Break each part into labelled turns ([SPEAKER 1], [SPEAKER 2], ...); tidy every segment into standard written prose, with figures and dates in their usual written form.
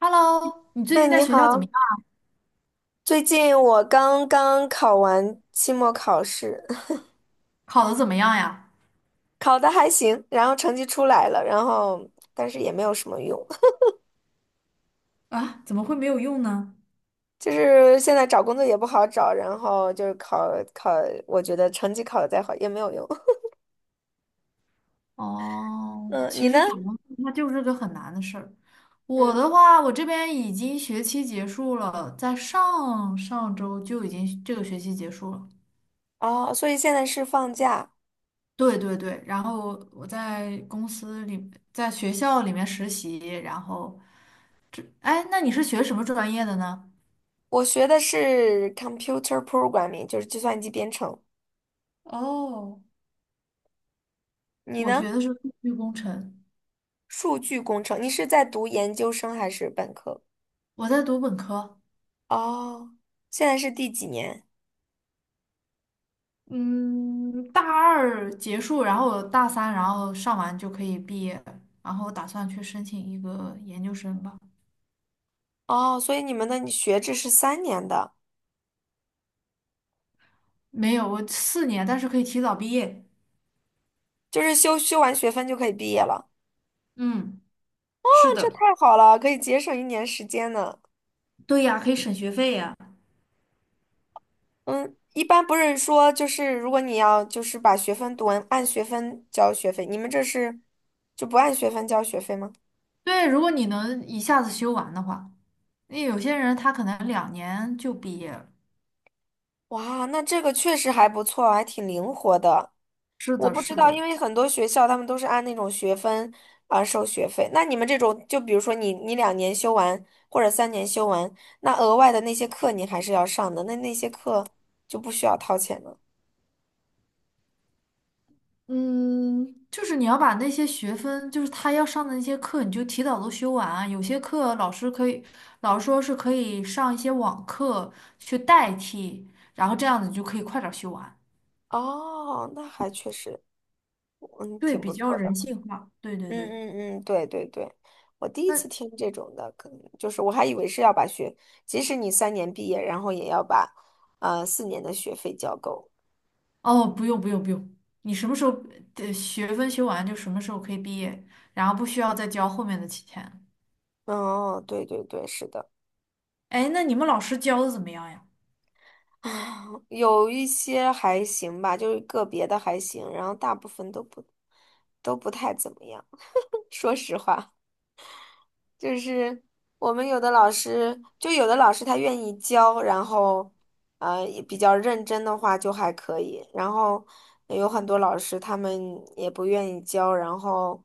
[SPEAKER 1] Hello，你最
[SPEAKER 2] 对，
[SPEAKER 1] 近在
[SPEAKER 2] 你
[SPEAKER 1] 学校怎么
[SPEAKER 2] 好。
[SPEAKER 1] 样？
[SPEAKER 2] 最近我刚刚考完期末考试，
[SPEAKER 1] 考得怎么样呀？
[SPEAKER 2] 考的还行，然后成绩出来了，但是也没有什么用。
[SPEAKER 1] 啊，怎么会没有用呢？
[SPEAKER 2] 就是现在找工作也不好找，然后就是考，我觉得成绩考的再好也没有用。
[SPEAKER 1] 哦，
[SPEAKER 2] 嗯，你
[SPEAKER 1] 其
[SPEAKER 2] 呢？
[SPEAKER 1] 实找工作它就是个很难的事儿。我
[SPEAKER 2] 嗯，
[SPEAKER 1] 的话，我这边已经学期结束了，在上上周就已经这个学期结束了。
[SPEAKER 2] 哦，所以现在是放假。
[SPEAKER 1] 对对对，然后我在公司里，在学校里面实习，然后，哎，那你是学什么专业的呢？
[SPEAKER 2] 我学的是 computer programming，就是计算机编程。
[SPEAKER 1] 哦，
[SPEAKER 2] 你
[SPEAKER 1] 我
[SPEAKER 2] 呢？
[SPEAKER 1] 学的是数据工程，
[SPEAKER 2] 数据工程。你是在读研究生还是本科？
[SPEAKER 1] 我在读本科。
[SPEAKER 2] 哦，现在是第几年？
[SPEAKER 1] 嗯，大二结束，然后大三，然后上完就可以毕业，然后打算去申请一个研究生吧。
[SPEAKER 2] 哦，所以你们的学制是三年的，
[SPEAKER 1] 没有，我4年，但是可以提早毕业。
[SPEAKER 2] 就是修完学分就可以毕业了。
[SPEAKER 1] 嗯，
[SPEAKER 2] 啊，
[SPEAKER 1] 是
[SPEAKER 2] 这
[SPEAKER 1] 的，
[SPEAKER 2] 太好了，可以节省一年时间呢。
[SPEAKER 1] 对呀，可以省学费呀。
[SPEAKER 2] 嗯，一般不是说就是如果你要就是把学分读完，按学分交学费，你们这是就不按学分交学费吗？
[SPEAKER 1] 对，如果你能一下子修完的话，因为有些人他可能2年就毕业了。
[SPEAKER 2] 哇，那这个确实还不错，还挺灵活的。
[SPEAKER 1] 是
[SPEAKER 2] 我
[SPEAKER 1] 的，
[SPEAKER 2] 不知
[SPEAKER 1] 是
[SPEAKER 2] 道，因
[SPEAKER 1] 的。
[SPEAKER 2] 为很多学校他们都是按那种学分啊、收学费。那你们这种，就比如说你两年修完或者三年修完，那额外的那些课你还是要上的，那那些课就不需要掏钱了。
[SPEAKER 1] 嗯，就是你要把那些学分，就是他要上的那些课，你就提早都修完啊。有些课老师可以，老师说是可以上一些网课去代替，然后这样子就可以快点儿修完。
[SPEAKER 2] 哦，那还确实，嗯，
[SPEAKER 1] 对，
[SPEAKER 2] 挺不
[SPEAKER 1] 比较
[SPEAKER 2] 错的。
[SPEAKER 1] 人性化。对对
[SPEAKER 2] 嗯
[SPEAKER 1] 对。
[SPEAKER 2] 嗯嗯，对对对，我第一次
[SPEAKER 1] 那
[SPEAKER 2] 听这种的，可能就是我还以为是要把学，即使你三年毕业，然后也要把四年的学费交够。
[SPEAKER 1] 哦，不用不用不用，你什么时候的学分修完就什么时候可以毕业，然后不需要再交后面的期钱了。
[SPEAKER 2] 哦，对对对，是的。
[SPEAKER 1] 哎，那你们老师教的怎么样呀？
[SPEAKER 2] 有一些还行吧，就是个别的还行，然后大部分都不太怎么样。说实话，就是我们有的老师，就有的老师他愿意教，然后也比较认真的话就还可以，然后有很多老师他们也不愿意教，然后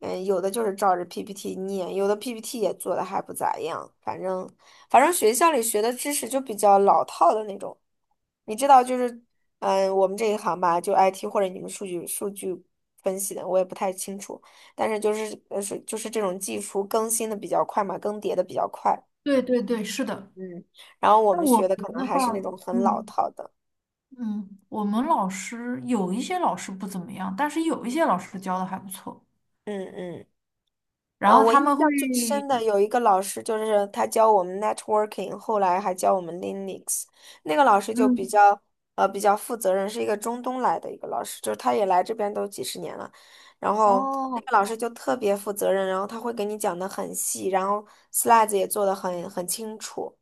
[SPEAKER 2] 嗯，有的就是照着 PPT 念，有的 PPT 也做的还不咋样。反正，反正学校里学的知识就比较老套的那种。你知道，就是，嗯，我们这一行吧，就 IT 或者你们数据分析的，我也不太清楚。但是就是，是就是这种技术更新的比较快嘛，更迭的比较快。
[SPEAKER 1] 对对对，是的。
[SPEAKER 2] 嗯，然后我
[SPEAKER 1] 那
[SPEAKER 2] 们
[SPEAKER 1] 我
[SPEAKER 2] 学的可
[SPEAKER 1] 们
[SPEAKER 2] 能
[SPEAKER 1] 的
[SPEAKER 2] 还
[SPEAKER 1] 话，
[SPEAKER 2] 是那种很老
[SPEAKER 1] 嗯。
[SPEAKER 2] 套的。
[SPEAKER 1] 嗯，我们老师有一些老师不怎么样，但是有一些老师教的还不错。
[SPEAKER 2] 嗯嗯。
[SPEAKER 1] 然
[SPEAKER 2] 呃，
[SPEAKER 1] 后
[SPEAKER 2] 我印
[SPEAKER 1] 他们会，
[SPEAKER 2] 象最深的有一个老师，就是他教我们 networking，后来还教我们 Linux。那个老师就比
[SPEAKER 1] 嗯，
[SPEAKER 2] 较比较负责任，是一个中东来的一个老师，就是他也来这边都几十年了。然后那
[SPEAKER 1] 哦，
[SPEAKER 2] 个老师就特别负责任，然后他会给你讲的很细，然后 slides 也做的很清楚，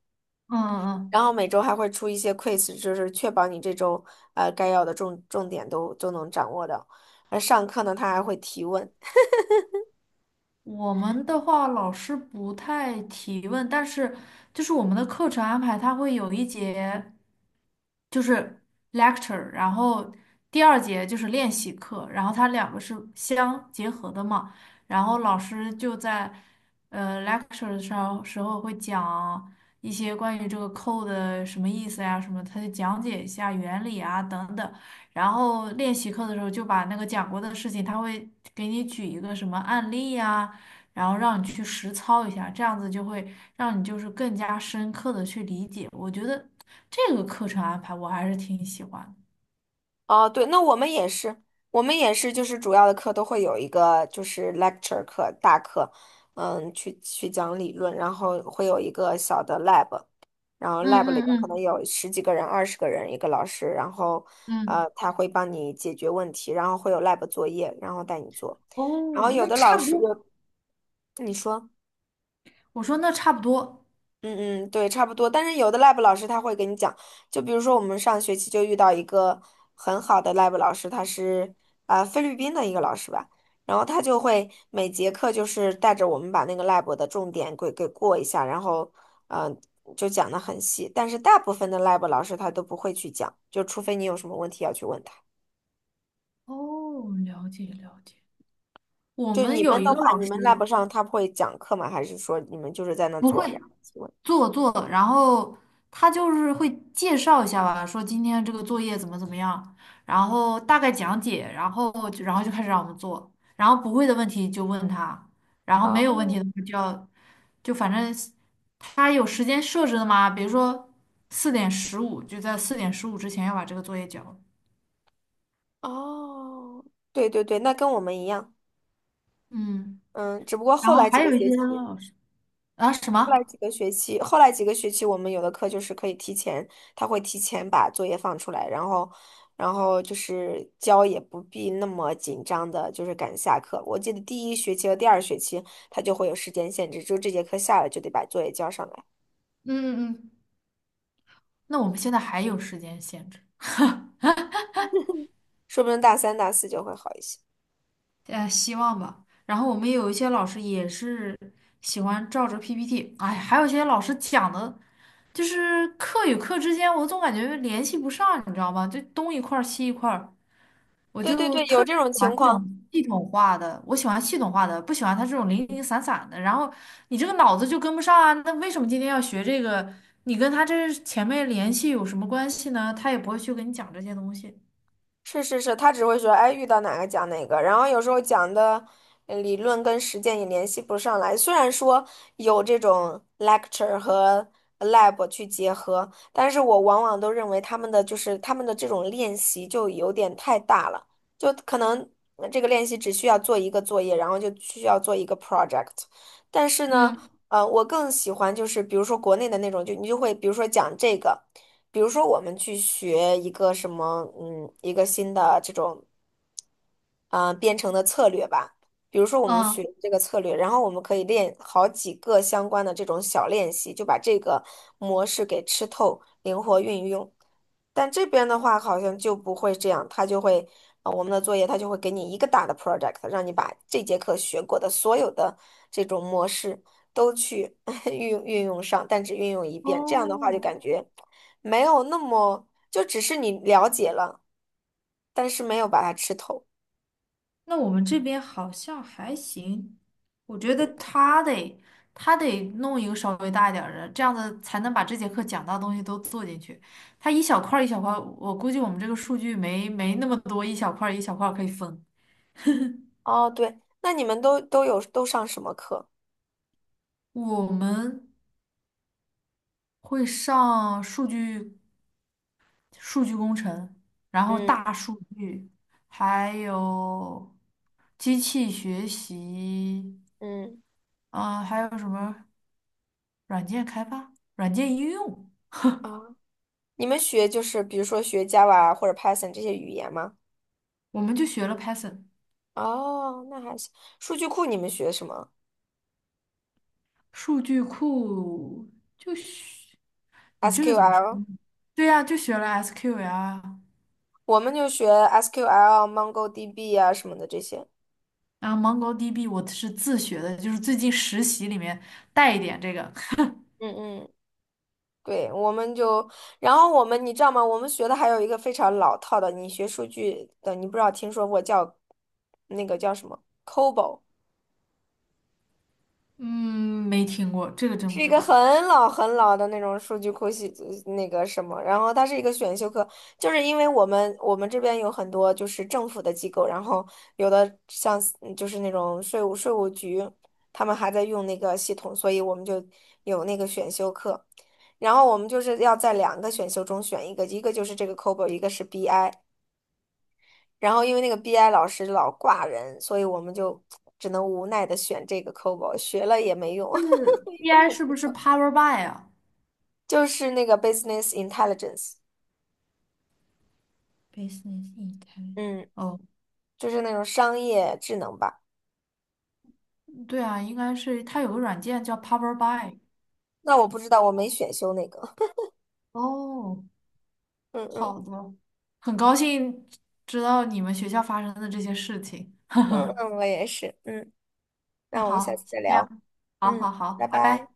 [SPEAKER 1] 嗯嗯，
[SPEAKER 2] 然后每周还会出一些 quiz，就是确保你这周该要的重点都能掌握到。而上课呢，他还会提问。
[SPEAKER 1] 我们的话老师不太提问，但是就是我们的课程安排，他会有一节。就是 lecture，然后第二节就是练习课，然后它两个是相结合的嘛。然后老师就在lecture 的时候会讲一些关于这个 code 的什么意思呀，什么，他就讲解一下原理啊等等。然后练习课的时候就把那个讲过的事情，他会给你举一个什么案例呀，然后让你去实操一下，这样子就会让你就是更加深刻的去理解。我觉得。这个课程安排我还是挺喜欢的。
[SPEAKER 2] 哦，对，那我们也是，我们也是，就是主要的课都会有一个就是 lecture 课大课，嗯，去讲理论，然后会有一个小的 lab，然后 lab 里面
[SPEAKER 1] 嗯嗯
[SPEAKER 2] 可能
[SPEAKER 1] 嗯
[SPEAKER 2] 有十几个人、二十个人一个老师，然后
[SPEAKER 1] 嗯，
[SPEAKER 2] 他会帮你解决问题，然后会有 lab 作业，然后带你做，然后
[SPEAKER 1] 哦，
[SPEAKER 2] 有
[SPEAKER 1] 那
[SPEAKER 2] 的老
[SPEAKER 1] 差不
[SPEAKER 2] 师
[SPEAKER 1] 多。
[SPEAKER 2] 有你说。
[SPEAKER 1] 我说那差不多，
[SPEAKER 2] 嗯嗯，对，差不多。但是有的 lab 老师他会给你讲，就比如说我们上学期就遇到一个很好的 lab 老师，他是菲律宾的一个老师吧，然后他就会每节课就是带着我们把那个 lab 的重点给过一下，然后嗯、就讲的很细。但是大部分的 lab 老师他都不会去讲，就除非你有什么问题要去问他。
[SPEAKER 1] 哦，了解了解。我
[SPEAKER 2] 就
[SPEAKER 1] 们
[SPEAKER 2] 你
[SPEAKER 1] 有
[SPEAKER 2] 们
[SPEAKER 1] 一
[SPEAKER 2] 的
[SPEAKER 1] 个
[SPEAKER 2] 话，
[SPEAKER 1] 老
[SPEAKER 2] 你们
[SPEAKER 1] 师
[SPEAKER 2] lab 上他会讲课吗？还是说你们就是在那
[SPEAKER 1] 不
[SPEAKER 2] 做，然
[SPEAKER 1] 会，
[SPEAKER 2] 后去问？
[SPEAKER 1] 做做，然后他就是会介绍一下吧，说今天这个作业怎么怎么样，然后大概讲解，然后就开始让我们做，然后不会的问题就问他，然后没有问
[SPEAKER 2] 哦
[SPEAKER 1] 题的话就要就反正他有时间设置的嘛，比如说四点十五，就在四点十五之前要把这个作业交了。
[SPEAKER 2] 哦，对对对，那跟我们一样。
[SPEAKER 1] 嗯，
[SPEAKER 2] 嗯，只不过
[SPEAKER 1] 然
[SPEAKER 2] 后
[SPEAKER 1] 后
[SPEAKER 2] 来几
[SPEAKER 1] 还
[SPEAKER 2] 个
[SPEAKER 1] 有一
[SPEAKER 2] 学
[SPEAKER 1] 些
[SPEAKER 2] 期，
[SPEAKER 1] 老师啊什
[SPEAKER 2] 后来
[SPEAKER 1] 么，
[SPEAKER 2] 几个学期，后来几个学期，我们有的课就是可以提前，他会提前把作业放出来，然后，然后就是交也不必那么紧张的，就是赶下课。我记得第一学期和第二学期，他就会有时间限制，就这节课下了就得把作业交上来，
[SPEAKER 1] 嗯嗯嗯，那我们现在还有时间限制。
[SPEAKER 2] 说不定大三、大四就会好一些。
[SPEAKER 1] 希望吧。然后我们有一些老师也是喜欢照着 PPT，哎，还有一些老师讲的，就是课与课之间，我总感觉联系不上，你知道吗？就东一块儿西一块儿，我
[SPEAKER 2] 对对
[SPEAKER 1] 就
[SPEAKER 2] 对，有
[SPEAKER 1] 特
[SPEAKER 2] 这
[SPEAKER 1] 别喜
[SPEAKER 2] 种
[SPEAKER 1] 欢
[SPEAKER 2] 情
[SPEAKER 1] 这种
[SPEAKER 2] 况。
[SPEAKER 1] 系统化的，我喜欢系统化的，不喜欢他这种零零散散的。然后你这个脑子就跟不上啊，那为什么今天要学这个？你跟他这前面联系有什么关系呢？他也不会去跟你讲这些东西。
[SPEAKER 2] 是是是，他只会说，哎，遇到哪个讲哪个，然后有时候讲的理论跟实践也联系不上来。虽然说有这种 lecture 和lab 去结合，但是我往往都认为他们的这种练习就有点太大了，就可能这个练习只需要做一个作业，然后就需要做一个 project。但是呢，
[SPEAKER 1] 嗯，
[SPEAKER 2] 我更喜欢就是比如说国内的那种，就你就会比如说讲这个。比如说我们去学一个什么，嗯，一个新的这种，啊编程的策略吧。比如说我们学
[SPEAKER 1] 嗯，
[SPEAKER 2] 这个策略，然后我们可以练好几个相关的这种小练习，就把这个模式给吃透，灵活运用。但这边的话好像就不会这样，他就会，我们的作业他就会给你一个大的 project，让你把这节课学过的所有的这种模式都去 运用上，但只运用一遍。这样的话就
[SPEAKER 1] 哦，
[SPEAKER 2] 感觉。没有那么，就只是你了解了，但是没有把它吃透。
[SPEAKER 1] 那我们这边好像还行，我觉得他得弄一个稍微大一点儿的，这样子才能把这节课讲到的东西都做进去。他一小块儿一小块儿，我估计我们这个数据没那么多，一小块儿一小块儿可以分。
[SPEAKER 2] 哦，对，那你们都上什么课？
[SPEAKER 1] 我们会上数据工程，然后
[SPEAKER 2] 嗯
[SPEAKER 1] 大数据，还有机器学习，
[SPEAKER 2] 嗯
[SPEAKER 1] 啊、还有什么软件开发、软件应用，
[SPEAKER 2] 啊，你们学就是比如说学 Java 或者 Python 这些语言吗？
[SPEAKER 1] 我们就学了 Python。
[SPEAKER 2] 哦，那还行。数据库你们学什么
[SPEAKER 1] 数据库就学，你这个怎么说
[SPEAKER 2] ？SQL，
[SPEAKER 1] 呢？对呀、就学了 SQL 啊，
[SPEAKER 2] 我们就学 SQL、MongoDB 啊什么的这些。
[SPEAKER 1] 然后 MongoDB 我是自学的，就是最近实习里面带一点这个。
[SPEAKER 2] 嗯嗯。对，我们就，然后我们，你知道吗？我们学的还有一个非常老套的，你学数据的，你不知道听说过叫那个叫什么 COBOL。
[SPEAKER 1] 嗯，没听过，这个真不
[SPEAKER 2] 是一
[SPEAKER 1] 知
[SPEAKER 2] 个很
[SPEAKER 1] 道。
[SPEAKER 2] 老很老的那种数据库那个什么，然后它是一个选修课，就是因为我们这边有很多就是政府的机构，然后有的像嗯就是那种税务局，他们还在用那个系统，所以我们就有那个选修课，然后我们就是要在两个选修中选一个，一个就是这个 COBOL，一个是 BI，然后因为那个 BI 老师老挂人，所以我们就只能无奈的选这个 COBOL，学了也没用。
[SPEAKER 1] 就是
[SPEAKER 2] 因为
[SPEAKER 1] BI 是
[SPEAKER 2] 又。
[SPEAKER 1] 不是 Power BI 啊？
[SPEAKER 2] 就是那个 business intelligence，
[SPEAKER 1] Business Intelligence。
[SPEAKER 2] 嗯，
[SPEAKER 1] 哦，
[SPEAKER 2] 就是那种商业智能吧。
[SPEAKER 1] 对啊，应该是它有个软件叫 Power BI。
[SPEAKER 2] 那我不知道，我没选修那个。
[SPEAKER 1] 哦，
[SPEAKER 2] 嗯嗯
[SPEAKER 1] 好的，很高兴知道你们学校发生的这些事情。
[SPEAKER 2] 嗯，我也是。嗯，
[SPEAKER 1] 那
[SPEAKER 2] 那我们下
[SPEAKER 1] 好，
[SPEAKER 2] 次
[SPEAKER 1] 先
[SPEAKER 2] 再
[SPEAKER 1] 这样，
[SPEAKER 2] 聊。
[SPEAKER 1] 好
[SPEAKER 2] 嗯，
[SPEAKER 1] 好好，
[SPEAKER 2] 拜
[SPEAKER 1] 拜
[SPEAKER 2] 拜。
[SPEAKER 1] 拜。